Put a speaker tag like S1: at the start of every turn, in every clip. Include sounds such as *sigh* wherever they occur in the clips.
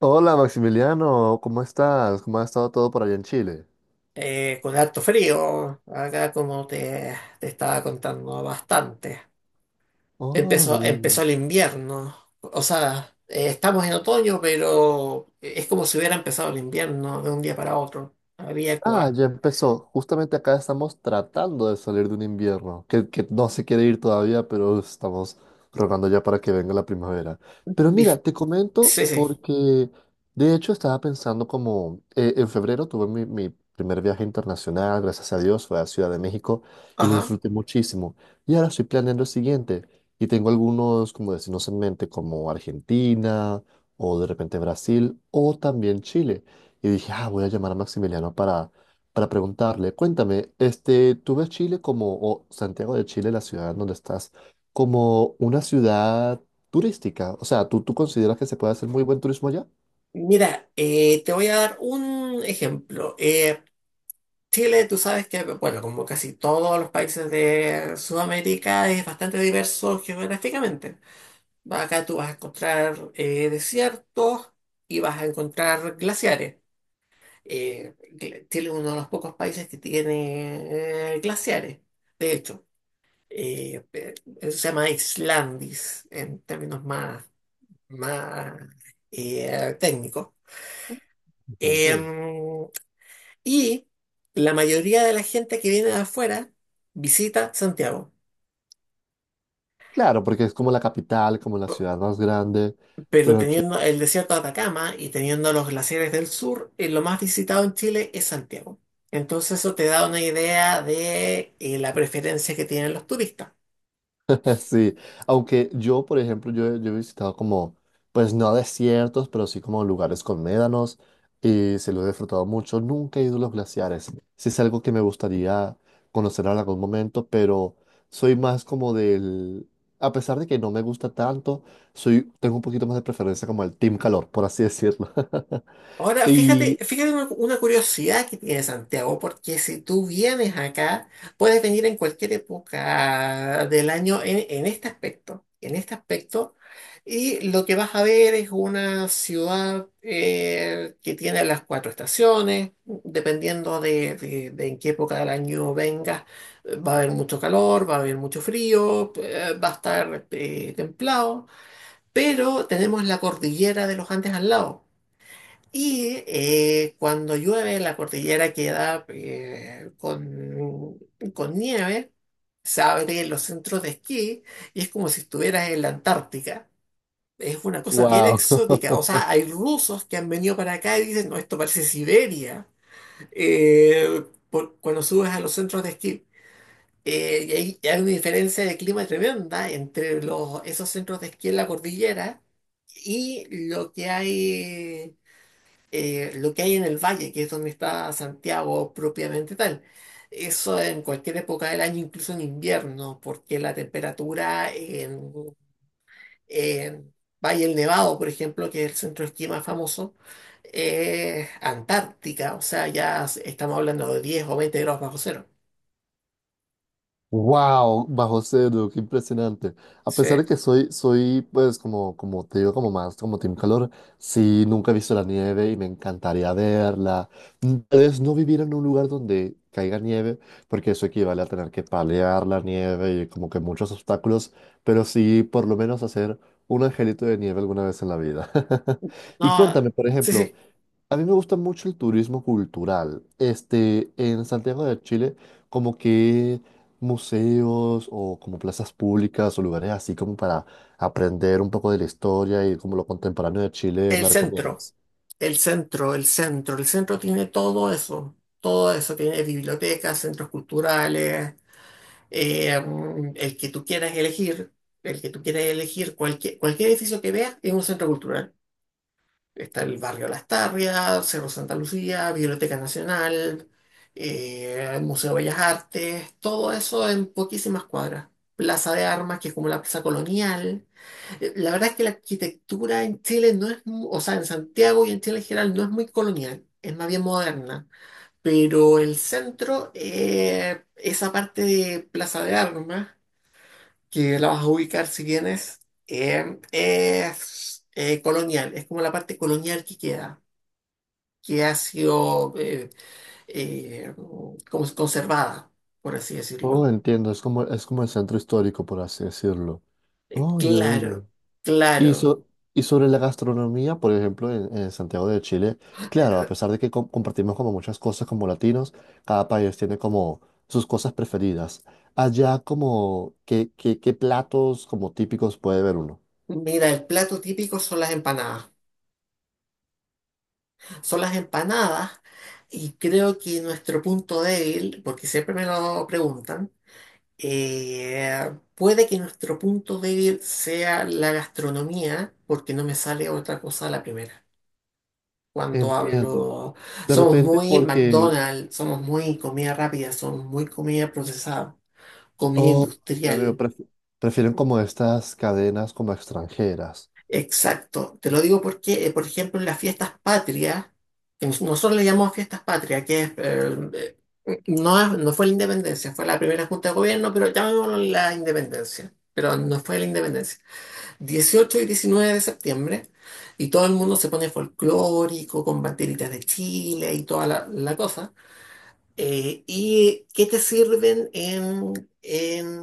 S1: Hola Maximiliano, ¿cómo estás? ¿Cómo ha estado todo por allá en Chile?
S2: Con harto frío, acá como te estaba contando bastante.
S1: Oh,
S2: Empezó
S1: bien.
S2: el invierno, o sea, estamos en otoño, pero es como si hubiera empezado el invierno de un día para otro.
S1: Ah, ya empezó. Justamente acá estamos tratando de salir de un invierno que no se quiere ir todavía, pero estamos rogando ya para que venga la primavera. Pero mira,
S2: Dif-
S1: te comento
S2: Sí, sí,
S1: porque de hecho estaba pensando como en febrero tuve mi primer viaje internacional, gracias a Dios, fue a Ciudad de México y lo
S2: ajá.
S1: disfruté muchísimo. Y ahora estoy planeando el siguiente y tengo algunos como destinos en mente como Argentina o de repente Brasil o también Chile. Y dije, ah, voy a llamar a Maximiliano para preguntarle, cuéntame, este, ¿tú ves Chile como, o Santiago de Chile, la ciudad en donde estás, como una ciudad turística? O sea, ¿tú consideras que se puede hacer muy buen turismo allá?
S2: Mira, te voy a dar un ejemplo. Chile, tú sabes que, bueno, como casi todos los países de Sudamérica, es bastante diverso geográficamente. Acá tú vas a encontrar desiertos y vas a encontrar glaciares. Chile es uno de los pocos países que tiene glaciares, de hecho. Eh, pe- Eso se llama Islandis en términos más, más técnicos.
S1: Bastante.
S2: Em, y la mayoría de la gente que viene de afuera visita Santiago.
S1: Claro, porque es como la capital, como la ciudad más grande,
S2: Pero
S1: pero
S2: teniendo el desierto de Atacama y teniendo los glaciares del sur, lo más visitado en Chile es Santiago. Entonces eso te da una idea de la preferencia que tienen los turistas.
S1: *laughs* sí, aunque yo, por ejemplo, yo he visitado como, pues no desiertos, pero sí como lugares con médanos y se lo he disfrutado mucho. Nunca he ido a los glaciares. Sí es algo que me gustaría conocer en algún momento, pero soy más como del, a pesar de que no me gusta tanto, soy, tengo un poquito más de preferencia como el team calor, por así decirlo. *laughs*
S2: Ahora, fíjate,
S1: Y,
S2: fíjate una curiosidad que tiene Santiago, porque si tú vienes acá, puedes venir en cualquier época del año en este aspecto, y lo que vas a ver es una ciudad que tiene las cuatro estaciones, dependiendo de en qué época del año vengas, va a haber mucho calor, va a haber mucho frío, va a estar templado, pero tenemos la cordillera de los Andes al lado. Y cuando llueve, la cordillera queda con nieve, se abren los centros de esquí y es como si estuvieras en la Antártica. Es una cosa bien
S1: wow.
S2: exótica.
S1: *laughs*
S2: O sea, hay rusos que han venido para acá y dicen, no, esto parece Siberia, eh, cuando subes a los centros de esquí. Y hay una diferencia de clima tremenda entre esos centros de esquí en la cordillera y lo que hay en el valle, que es donde está Santiago propiamente tal. Eso en cualquier época del año, incluso en invierno, porque la temperatura en Valle del Nevado, por ejemplo, que es el centro de esquí más famoso, es antártica, o sea, ya estamos hablando de 10 o 20 grados bajo cero.
S1: Wow, bajo cero, qué impresionante. A
S2: Sí,
S1: pesar de que soy, pues, como, como te digo, como más, como Team Calor, sí, nunca he visto la nieve y me encantaría verla. Mm, tal vez no vivir en un lugar donde caiga nieve, porque eso equivale a tener que palear la nieve y como que muchos obstáculos, pero sí, por lo menos hacer un angelito de nieve alguna vez en la vida. *laughs* Y
S2: no,
S1: cuéntame, por
S2: sí,
S1: ejemplo,
S2: sí,
S1: a mí me gusta mucho el turismo cultural. Este, en Santiago de Chile, como que museos o como plazas públicas o lugares así como para aprender un poco de la historia y como lo contemporáneo de Chile,
S2: el
S1: ¿me
S2: centro,
S1: recomiendas?
S2: el centro tiene todo eso, tiene bibliotecas, centros culturales. El que tú quieras elegir, el que tú quieras elegir, cualquier, cualquier edificio que veas es un centro cultural. Está el barrio Las Tarrias, Cerro Santa Lucía, Biblioteca Nacional, el Museo de Bellas Artes, todo eso en poquísimas cuadras. Plaza de Armas, que es como la plaza colonial. La verdad es que la arquitectura en Chile no es, o sea, en Santiago y en Chile en general no es muy colonial, es más bien moderna. Pero el centro, esa parte de Plaza de Armas, que la vas a ubicar si vienes, es colonial, es como la parte colonial que queda, que ha sido eh, como conservada, por así
S1: Oh,
S2: decirlo.
S1: entiendo, es como el centro histórico, por así decirlo. Oh, ya veo, ya
S2: Claro,
S1: veo. Y,
S2: claro.
S1: y sobre la gastronomía, por ejemplo, en Santiago de Chile, claro, a
S2: Eh,
S1: pesar de que compartimos como muchas cosas como latinos, cada país tiene como sus cosas preferidas. Allá como, ¿qué platos como típicos puede ver uno?
S2: Mira, el plato típico son las empanadas. Son las empanadas y creo que nuestro punto débil, porque siempre me lo preguntan. Puede que nuestro punto débil sea la gastronomía, porque no me sale otra cosa a la primera. Cuando
S1: Entiendo.
S2: hablo,
S1: De
S2: somos
S1: repente
S2: muy
S1: porque,
S2: McDonald's, somos muy comida rápida, somos muy comida procesada, comida
S1: oh, ya veo,
S2: industrial.
S1: prefieren como estas cadenas como extranjeras.
S2: Exacto. Te lo digo porque, por ejemplo, en las fiestas patrias, que nosotros le llamamos fiestas patrias, que es, no, no fue la independencia, fue la primera junta de gobierno, pero llamémoslo la independencia, pero no fue la independencia. 18 y 19 de septiembre, y todo el mundo se pone folclórico, con banderitas de Chile y toda la cosa. ¿Y qué te sirven en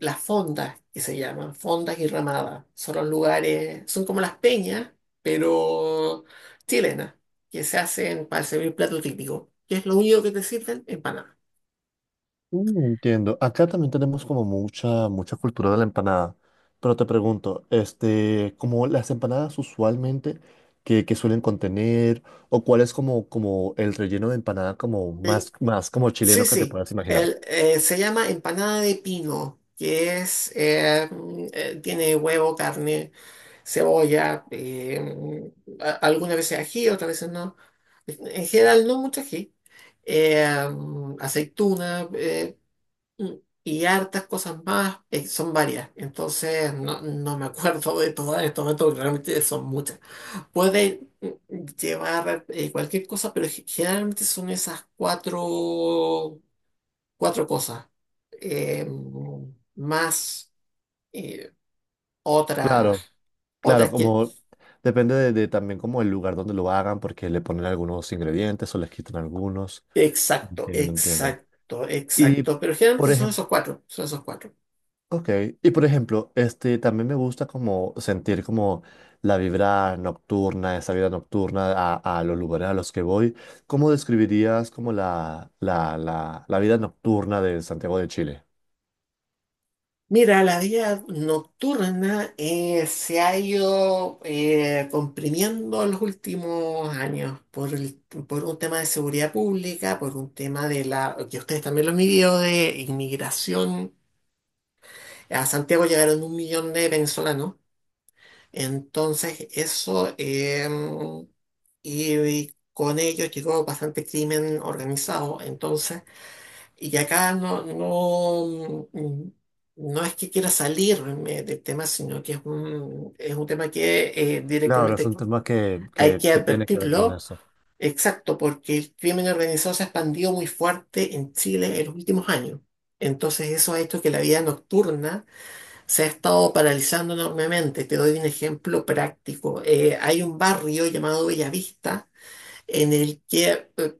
S2: las fondas, que se llaman? Fondas y ramadas. Son los lugares, son como las peñas, pero chilenas, que se hacen para servir plato típico, que es lo único que te sirven en Panamá.
S1: Mm, entiendo. Acá también tenemos como mucha, mucha cultura de la empanada. Pero te pregunto, este, como las empanadas usualmente que suelen contener, o cuál es como, como el relleno de empanada como más, más como
S2: Sí,
S1: chileno que te
S2: sí.
S1: puedas imaginar.
S2: El, se llama empanada de pino, que es, tiene huevo, carne, cebolla, algunas veces ají, otras veces no. En general no mucho ají. Aceituna, mm, y hartas cosas más, son varias. Entonces no, no me *laughs* acuerdo de todas en este momento, porque realmente son muchas. Puede llevar cualquier cosa, pero generalmente son esas cuatro cosas, eh, más eh, otras,
S1: Claro, claro,
S2: otras que...
S1: como depende de también como el lugar donde lo hagan, porque le ponen algunos ingredientes o les quitan algunos.
S2: Exacto,
S1: Entiendo, entiendo.
S2: exacto,
S1: Y
S2: exacto, pero generalmente
S1: por
S2: son
S1: ejemplo,
S2: esos cuatro, son esos cuatro.
S1: ok, y por ejemplo, este, también me gusta como sentir como la vibra nocturna, esa vida nocturna a los lugares a los que voy. ¿Cómo describirías como la vida nocturna de Santiago de Chile?
S2: Mira, la vida nocturna se ha ido comprimiendo en los últimos años por un tema de seguridad pública, por un tema de la, que ustedes también lo han vivido, de inmigración. A Santiago llegaron 1 millón de venezolanos. Entonces, eso, y con ello llegó bastante crimen organizado. Entonces, y acá no, no es que quiera salirme del tema, sino que es es un tema que
S1: Claro, es un
S2: directamente
S1: tema que,
S2: hay
S1: que,
S2: que
S1: que tiene que ver con
S2: advertirlo.
S1: eso.
S2: Exacto, porque el crimen organizado se ha expandido muy fuerte en Chile en los últimos años. Entonces, eso ha hecho que la vida nocturna se ha estado paralizando enormemente. Te doy un ejemplo práctico. Hay un barrio llamado Bellavista en el que, eh,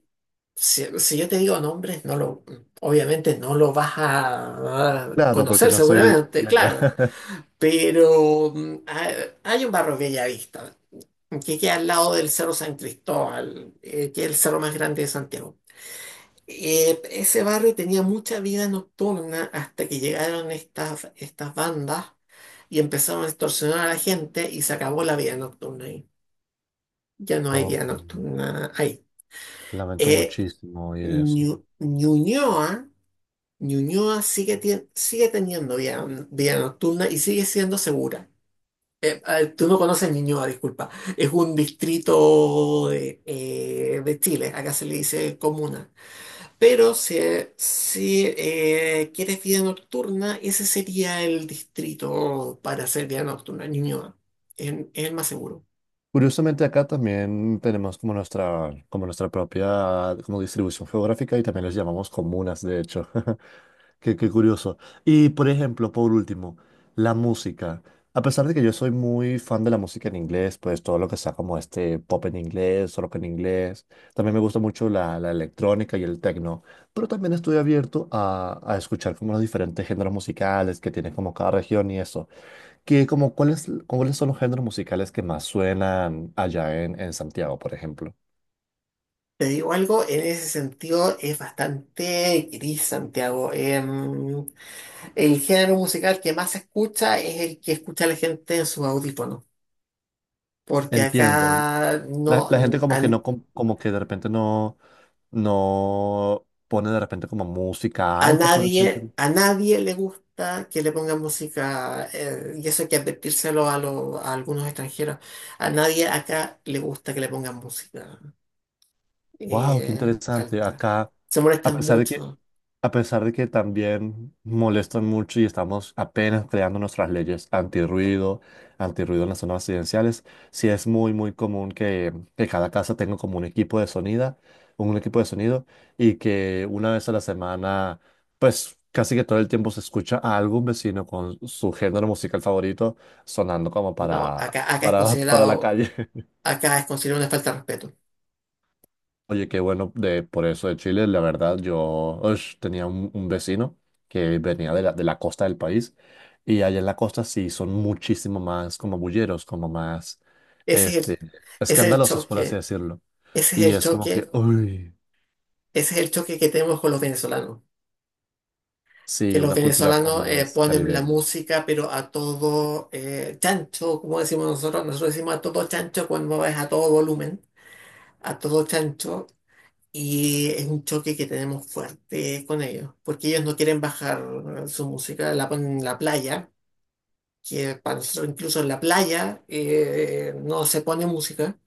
S2: si yo te digo nombres, obviamente no lo vas a
S1: Claro, porque
S2: conocer
S1: no soy
S2: seguramente,
S1: de allá.
S2: claro,
S1: *laughs*
S2: pero hay un barrio Bellavista que queda al lado del Cerro San Cristóbal, que es el cerro más grande de Santiago. Ese barrio tenía mucha vida nocturna hasta que llegaron estas bandas y empezaron a extorsionar a la gente y se acabó la vida nocturna ahí. Ya no hay vida
S1: Oh,
S2: nocturna ahí.
S1: lamento
S2: Eh,
S1: muchísimo oír eso.
S2: Ñuñoa, Ñuñoa sigue, sigue teniendo vida, vida nocturna y sigue siendo segura. Tú no conoces Ñuñoa, disculpa. Es un distrito de Chile, acá se le dice comuna. Pero si, si quieres vida nocturna, ese sería el distrito para hacer vida nocturna, Ñuñoa. Es el más seguro.
S1: Curiosamente acá también tenemos como nuestra propia como distribución geográfica y también les llamamos comunas, de hecho. *laughs* Qué, qué curioso. Y por ejemplo, por último, la música. A pesar de que yo soy muy fan de la música en inglés, pues todo lo que sea como este pop en inglés, rock en inglés, también me gusta mucho la, la electrónica y el techno, pero también estoy abierto a escuchar como los diferentes géneros musicales que tiene como cada región y eso que como cuáles, cuáles son los géneros musicales que más suenan allá en Santiago, por ejemplo.
S2: Te digo algo, en ese sentido es bastante gris Santiago. El género musical que más se escucha es el que escucha la gente en sus audífonos, porque acá
S1: Entiendo.
S2: no,
S1: La gente
S2: a,
S1: como que no, como que de repente no, no pone de repente como música alta, por así decirlo.
S2: A nadie le gusta que le pongan música, y eso hay que advertírselo a algunos extranjeros. A nadie acá le gusta que le pongan música
S1: Wow, qué interesante.
S2: alta.
S1: Acá,
S2: Se
S1: a
S2: molestan
S1: pesar de que,
S2: mucho.
S1: a pesar de que también molestan mucho y estamos apenas creando nuestras leyes antirruido, antirruido en las zonas residenciales, sí es muy, muy común que cada casa tenga como un equipo de sonido, un equipo de sonido, y que una vez a la semana, pues casi que todo el tiempo se escucha a algún vecino con su género musical favorito sonando como
S2: No,
S1: para,
S2: acá,
S1: para, para la calle.
S2: acá es considerado una falta de respeto.
S1: Oye, qué bueno de, por eso de Chile. La verdad, yo ush, tenía un vecino que venía de la costa del país y allá en la costa sí son muchísimo más como bulleros, como más
S2: Ese es
S1: este,
S2: ese es el
S1: escandalosos, por así
S2: choque,
S1: decirlo.
S2: ese es
S1: Y
S2: el
S1: es como que,
S2: choque,
S1: uy,
S2: ese es el choque que tenemos con los venezolanos. Que
S1: sí,
S2: los
S1: una cultura como
S2: venezolanos
S1: más
S2: ponen la
S1: caribeña.
S2: música, pero a todo chancho, como decimos nosotros, nosotros decimos a todo chancho cuando es a todo volumen, a todo chancho, y es un choque que tenemos fuerte con ellos, porque ellos no quieren bajar su música, la ponen en la playa, que para nosotros incluso en la playa no se pone música,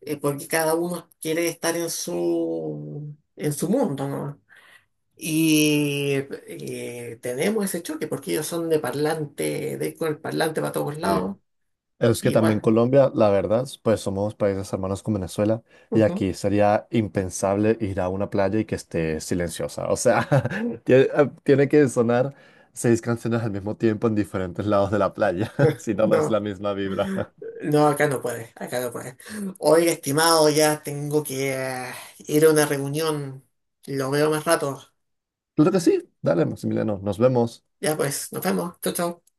S2: porque cada uno quiere estar en su mundo, ¿no? Y tenemos ese choque porque ellos son de parlante, de ir con el parlante para todos
S1: Sí.
S2: lados.
S1: Es que
S2: Y
S1: también
S2: bueno,
S1: Colombia, la verdad, pues somos países hermanos con Venezuela y
S2: ujú.
S1: aquí sería impensable ir a una playa y que esté silenciosa. O sea, *laughs* tiene que sonar seis canciones al mismo tiempo en diferentes lados de la playa, *laughs*
S2: *laughs*
S1: si no, no es
S2: No,
S1: la misma vibra. *laughs*
S2: no, acá no puede, acá no puede. Oiga, estimado, ya tengo que ir a una reunión. Lo veo más rato.
S1: Claro que sí, dale, Maximiliano, nos vemos.
S2: Ya pues, nos vemos. Chau, chau.